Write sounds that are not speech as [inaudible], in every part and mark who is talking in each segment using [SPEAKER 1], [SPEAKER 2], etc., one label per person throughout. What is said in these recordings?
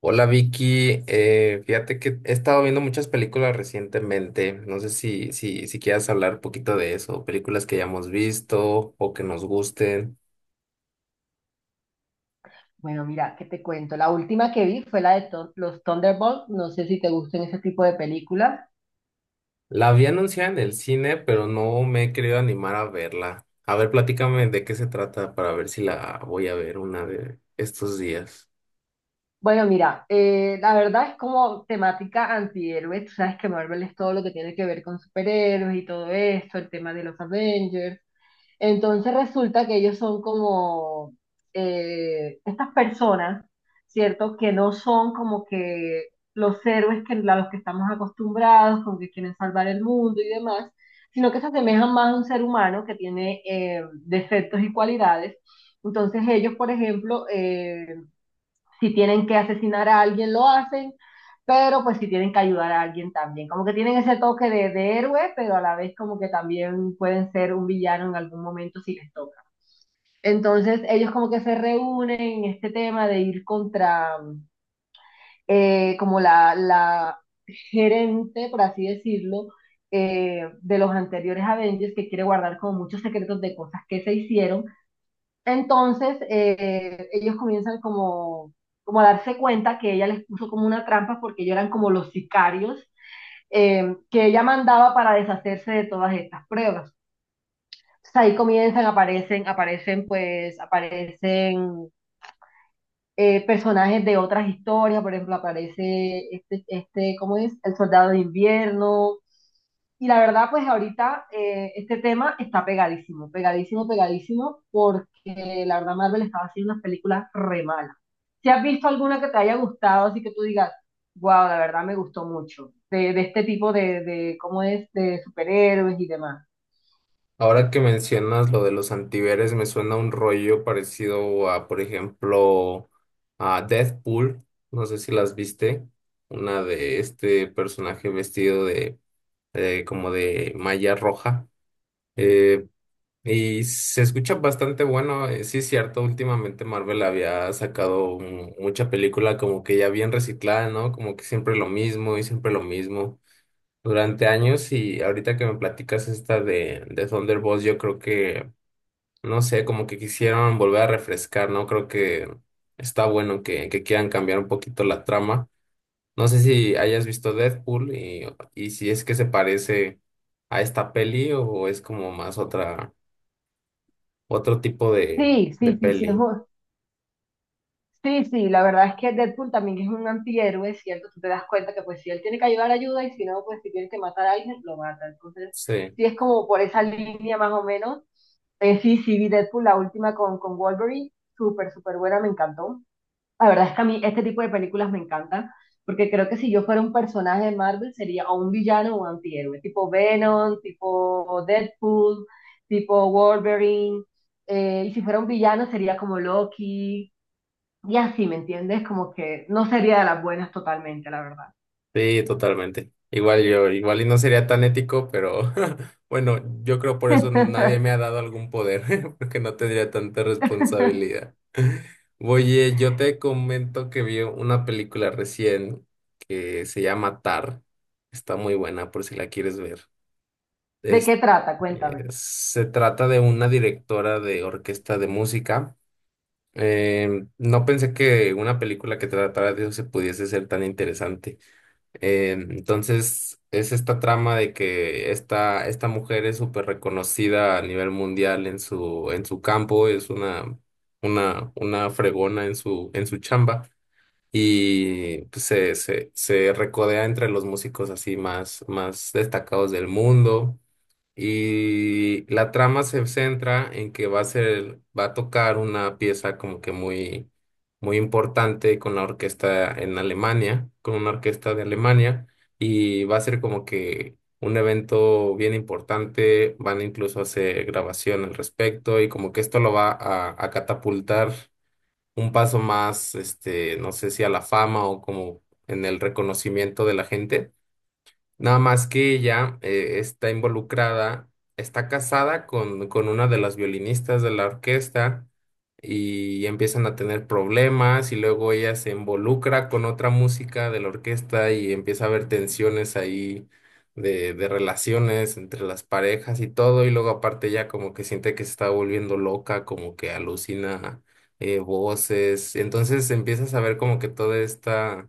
[SPEAKER 1] Hola Vicky, fíjate que he estado viendo muchas películas recientemente. No sé si quieras hablar un poquito de eso, películas que ya hemos visto o que nos gusten.
[SPEAKER 2] Bueno, mira, ¿qué te cuento? La última que vi fue la de los Thunderbolts. No sé si te gustan ese tipo de películas.
[SPEAKER 1] La vi anunciada en el cine, pero no me he querido animar a verla. A ver, platícame de qué se trata para ver si la voy a ver una de estos días.
[SPEAKER 2] Bueno, mira, la verdad es como temática antihéroe. Tú sabes que Marvel es todo lo que tiene que ver con superhéroes y todo esto, el tema de los Avengers. Entonces resulta que ellos son como estas personas, ¿cierto? Que no son como que los héroes a los que estamos acostumbrados, con que quieren salvar el mundo y demás, sino que se asemejan más a un ser humano que tiene defectos y cualidades. Entonces ellos, por ejemplo, si tienen que asesinar a alguien, lo hacen, pero pues si tienen que ayudar a alguien también. Como que tienen ese toque de héroe, pero a la vez como que también pueden ser un villano en algún momento si les toca. Entonces ellos como que se reúnen en este tema de ir contra como la gerente, por así decirlo, de los anteriores Avengers que quiere guardar como muchos secretos de cosas que se hicieron. Entonces, ellos comienzan como a darse cuenta que ella les puso como una trampa, porque ellos eran como los sicarios que ella mandaba para deshacerse de todas estas pruebas. Entonces, ahí comienzan, aparecen personajes de otras historias. Por ejemplo, aparece ¿cómo es? El soldado de invierno. Y la verdad, pues ahorita este tema está pegadísimo, pegadísimo, pegadísimo, porque la verdad Marvel estaba haciendo unas películas re malas. Si has visto alguna que te haya gustado, así que tú digas, wow, la verdad me gustó mucho, de este tipo ¿cómo es? De superhéroes y demás.
[SPEAKER 1] Ahora que mencionas lo de los antihéroes, me suena un rollo parecido a, por ejemplo, a Deathpool. No sé si las viste. Una de este personaje vestido de, como de malla roja. Eh, y se escucha bastante bueno. Sí, es cierto, últimamente Marvel había sacado mucha película como que ya bien reciclada, ¿no? Como que siempre lo mismo y siempre lo mismo durante años y ahorita que me platicas esta de Thunderbolts, yo creo que no sé, como que quisieron volver a refrescar, ¿no? Creo que está bueno que quieran cambiar un poquito la trama. No sé si hayas visto Deadpool y si es que se parece a esta peli o es como más otra, otro tipo
[SPEAKER 2] Sí,
[SPEAKER 1] de
[SPEAKER 2] sí, sí, sí,
[SPEAKER 1] peli.
[SPEAKER 2] sí, sí, la verdad es que Deadpool también es un antihéroe, ¿cierto? Tú te das cuenta que pues si él tiene que ayudar, ayuda, y si no, pues si tiene que matar a alguien, lo mata. Entonces,
[SPEAKER 1] Sí,
[SPEAKER 2] sí, es como por esa línea más o menos. Sí, sí, vi Deadpool, la última con Wolverine, súper, súper buena, me encantó. La verdad es que a mí este tipo de películas me encantan, porque creo que si yo fuera un personaje de Marvel sería o un villano o un antihéroe, tipo Venom, tipo Deadpool, tipo Wolverine, y si fuera un villano sería como Loki, y así, ¿me entiendes? Como que no sería de las buenas totalmente, la verdad.
[SPEAKER 1] sí, totalmente. Igual yo, igual y no sería tan ético, pero [laughs] bueno, yo creo por eso nadie
[SPEAKER 2] [laughs]
[SPEAKER 1] me ha dado algún poder, [laughs] porque no tendría tanta responsabilidad. Oye, yo te comento que vi una película recién que se llama Tar. Está muy buena por si la quieres ver.
[SPEAKER 2] ¿De
[SPEAKER 1] Es-
[SPEAKER 2] qué trata? Cuéntame.
[SPEAKER 1] se trata de una directora de orquesta de música. No pensé que una película que tratara de eso se pudiese ser tan interesante. Entonces, es esta trama de que esta mujer es súper reconocida a nivel mundial en en su campo, es una, una fregona en en su chamba y pues, se recodea entre los músicos así más, más destacados del mundo. Y la trama se centra en que va a ser, va a tocar una pieza como que muy, muy importante con la orquesta en Alemania, con una orquesta de Alemania, y va a ser como que un evento bien importante, van incluso a hacer grabación al respecto, y como que esto lo va a catapultar un paso más, este, no sé si a la fama o como en el reconocimiento de la gente. Nada más que ella está involucrada, está casada con una de las violinistas de la orquesta y empiezan a tener problemas y luego ella se involucra con otra música de la orquesta y empieza a haber tensiones ahí de relaciones entre las parejas y todo y luego aparte ella como que siente que se está volviendo loca, como que alucina voces, entonces empiezas a ver como que toda esta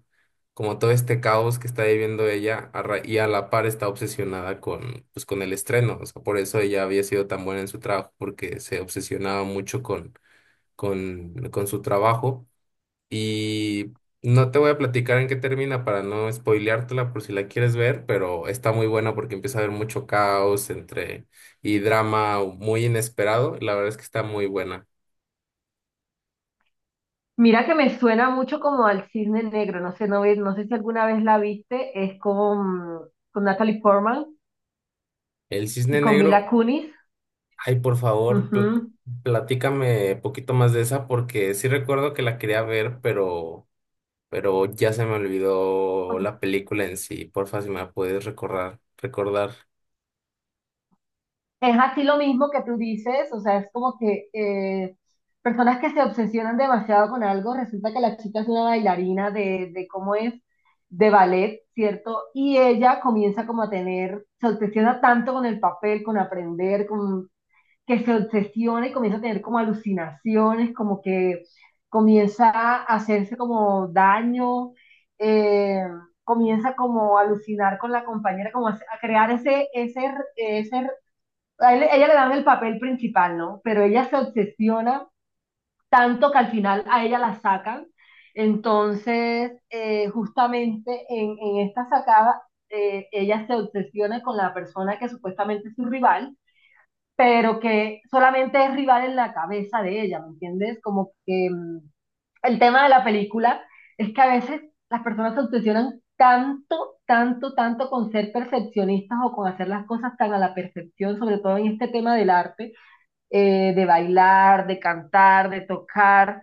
[SPEAKER 1] como todo este caos que está viviendo ella y a la par está obsesionada con, pues, con el estreno. O sea, por eso ella había sido tan buena en su trabajo, porque se obsesionaba mucho con su trabajo. Y no te voy a platicar en qué termina para no spoileártela por si la quieres ver, pero está muy buena porque empieza a haber mucho caos entre y drama muy inesperado. La verdad es que está muy buena.
[SPEAKER 2] Mira que me suena mucho como al Cisne Negro, no sé, no sé si alguna vez la viste, es con Natalie Portman
[SPEAKER 1] El
[SPEAKER 2] y
[SPEAKER 1] Cisne
[SPEAKER 2] con Mila
[SPEAKER 1] Negro.
[SPEAKER 2] Kunis.
[SPEAKER 1] Ay, por favor,
[SPEAKER 2] Ujú.
[SPEAKER 1] platícame poquito más de esa porque sí recuerdo que la quería ver, pero ya se me olvidó la película en sí. Porfa, si me la puedes recordar.
[SPEAKER 2] Es así lo mismo que tú dices, o sea, es como que personas que se obsesionan demasiado con algo. Resulta que la chica es una bailarina de cómo es, de ballet, ¿cierto? Y ella comienza como a tener, se obsesiona tanto con el papel, con aprender, con que se obsesiona y comienza a tener como alucinaciones, como que comienza a hacerse como daño, eh, comienza como a alucinar con la compañera, como a crear ese ella le dan el papel principal, ¿no? Pero ella se obsesiona tanto que al final a ella la sacan. Entonces, justamente esta sacada, ella se obsesiona con la persona que supuestamente es su rival, pero que solamente es rival en la cabeza de ella, ¿me entiendes? Como que el tema de la película es que a veces las personas se obsesionan tanto, tanto, tanto con ser percepcionistas o con hacer las cosas tan a la perfección, sobre todo en este tema del arte, de bailar, de cantar, de tocar,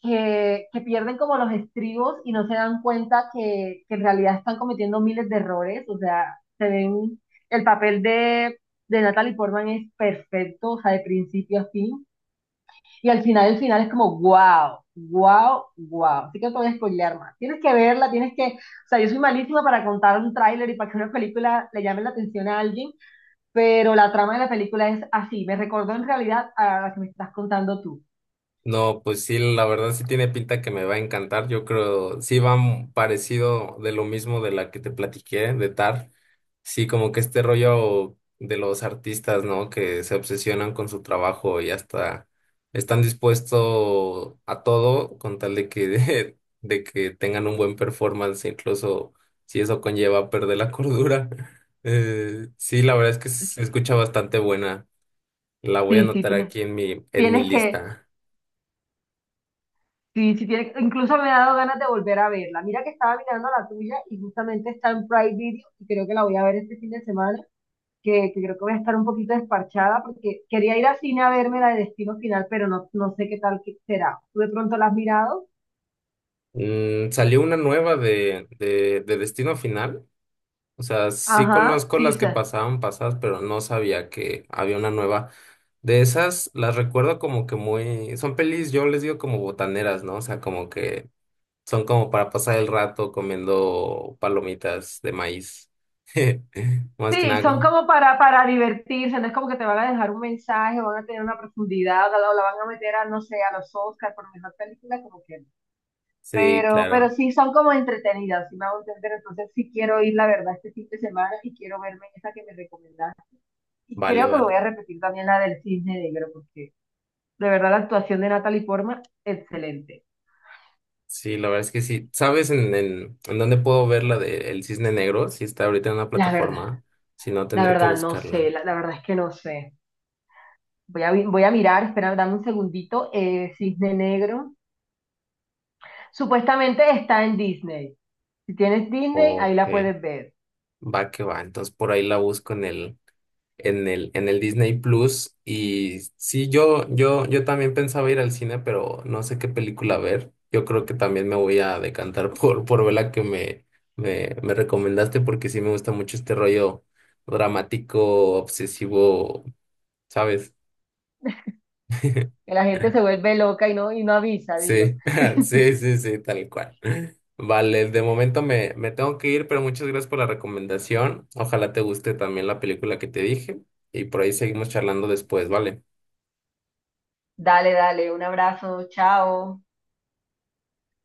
[SPEAKER 2] que pierden como los estribos y no se dan cuenta que en realidad están cometiendo miles de errores. O sea, se ven, el papel de Natalie Portman es perfecto, o sea, de principio a fin, y al final, el final es como, wow, wow, wow. Así que no te voy a spoilear más, tienes que verla, tienes que, o sea, yo soy malísima para contar un tráiler y para que una película le llame la atención a alguien, pero la trama de la película es así, me recordó en realidad a la que me estás contando tú.
[SPEAKER 1] No, pues sí, la verdad sí tiene pinta que me va a encantar. Yo creo, sí va parecido de lo mismo de la que te platiqué, de TAR. Sí, como que este rollo de los artistas, ¿no? Que se obsesionan con su trabajo y hasta están dispuestos a todo con tal de que, [laughs] de que tengan un buen performance, incluso si eso conlleva perder la cordura. [laughs] Sí, la verdad es que se escucha bastante buena. La voy a
[SPEAKER 2] sí, sí,
[SPEAKER 1] anotar
[SPEAKER 2] tienes,
[SPEAKER 1] aquí en en mi
[SPEAKER 2] tienes que.
[SPEAKER 1] lista.
[SPEAKER 2] Sí, sí tiene, incluso me ha dado ganas de volver a verla. Mira que estaba mirando la tuya y justamente está en Prime Video y creo que la voy a ver este fin de semana, que creo que voy a estar un poquito desparchada porque quería ir al cine a verme la de Destino Final, pero no, no sé qué tal que será. ¿Tú de pronto la has mirado?
[SPEAKER 1] Mm, salió una nueva de Destino Final. O sea, sí
[SPEAKER 2] Ajá,
[SPEAKER 1] conozco
[SPEAKER 2] sí,
[SPEAKER 1] las
[SPEAKER 2] sí.
[SPEAKER 1] que pasaban pasadas, pero no sabía que había una nueva. De esas las recuerdo como que muy... Son pelis, yo les digo como botaneras, ¿no? O sea, como que son como para pasar el rato comiendo palomitas de maíz. [laughs] Más que
[SPEAKER 2] Sí,
[SPEAKER 1] nada.
[SPEAKER 2] son como para divertirse, no es como que te van a dejar un mensaje, van a tener una profundidad, o o la van a meter a, no sé, a los Oscars por mejor película, como que.
[SPEAKER 1] Sí,
[SPEAKER 2] Pero
[SPEAKER 1] claro.
[SPEAKER 2] sí son como entretenidas, sí me hago entender. Entonces sí quiero ir, la verdad, este fin de semana, y quiero verme esa que me recomendaste. Y
[SPEAKER 1] Vale,
[SPEAKER 2] creo que me voy
[SPEAKER 1] vale.
[SPEAKER 2] a repetir también la del Cisne Negro, porque de verdad la actuación de Natalie Portman, excelente.
[SPEAKER 1] Sí, la verdad es que sí. ¿Sabes en, en dónde puedo ver la de El Cisne Negro? Si está ahorita en una
[SPEAKER 2] La verdad,
[SPEAKER 1] plataforma. Si no,
[SPEAKER 2] la
[SPEAKER 1] tendré que
[SPEAKER 2] verdad, no sé,
[SPEAKER 1] buscarla.
[SPEAKER 2] la verdad es que no sé. Voy a mirar, espera, dame un segundito. Eh, Cisne Negro. Supuestamente está en Disney. Si tienes Disney, ahí la
[SPEAKER 1] Ok.
[SPEAKER 2] puedes ver.
[SPEAKER 1] Va que va. Entonces por ahí la busco en el, en el Disney Plus. Y sí, yo también pensaba ir al cine, pero no sé qué película ver. Yo creo que también me voy a decantar [laughs] por ver la que me recomendaste, porque sí me gusta mucho este rollo dramático, obsesivo, ¿sabes?
[SPEAKER 2] Que la gente
[SPEAKER 1] [laughs]
[SPEAKER 2] se vuelve loca y no avisa, dilo.
[SPEAKER 1] Sí, [laughs] sí, sí, sí, tal cual. Vale, de momento me tengo que ir, pero muchas gracias por la recomendación. Ojalá te guste también la película que te dije y por ahí seguimos charlando después, ¿vale?
[SPEAKER 2] Dale, dale, un abrazo, chao.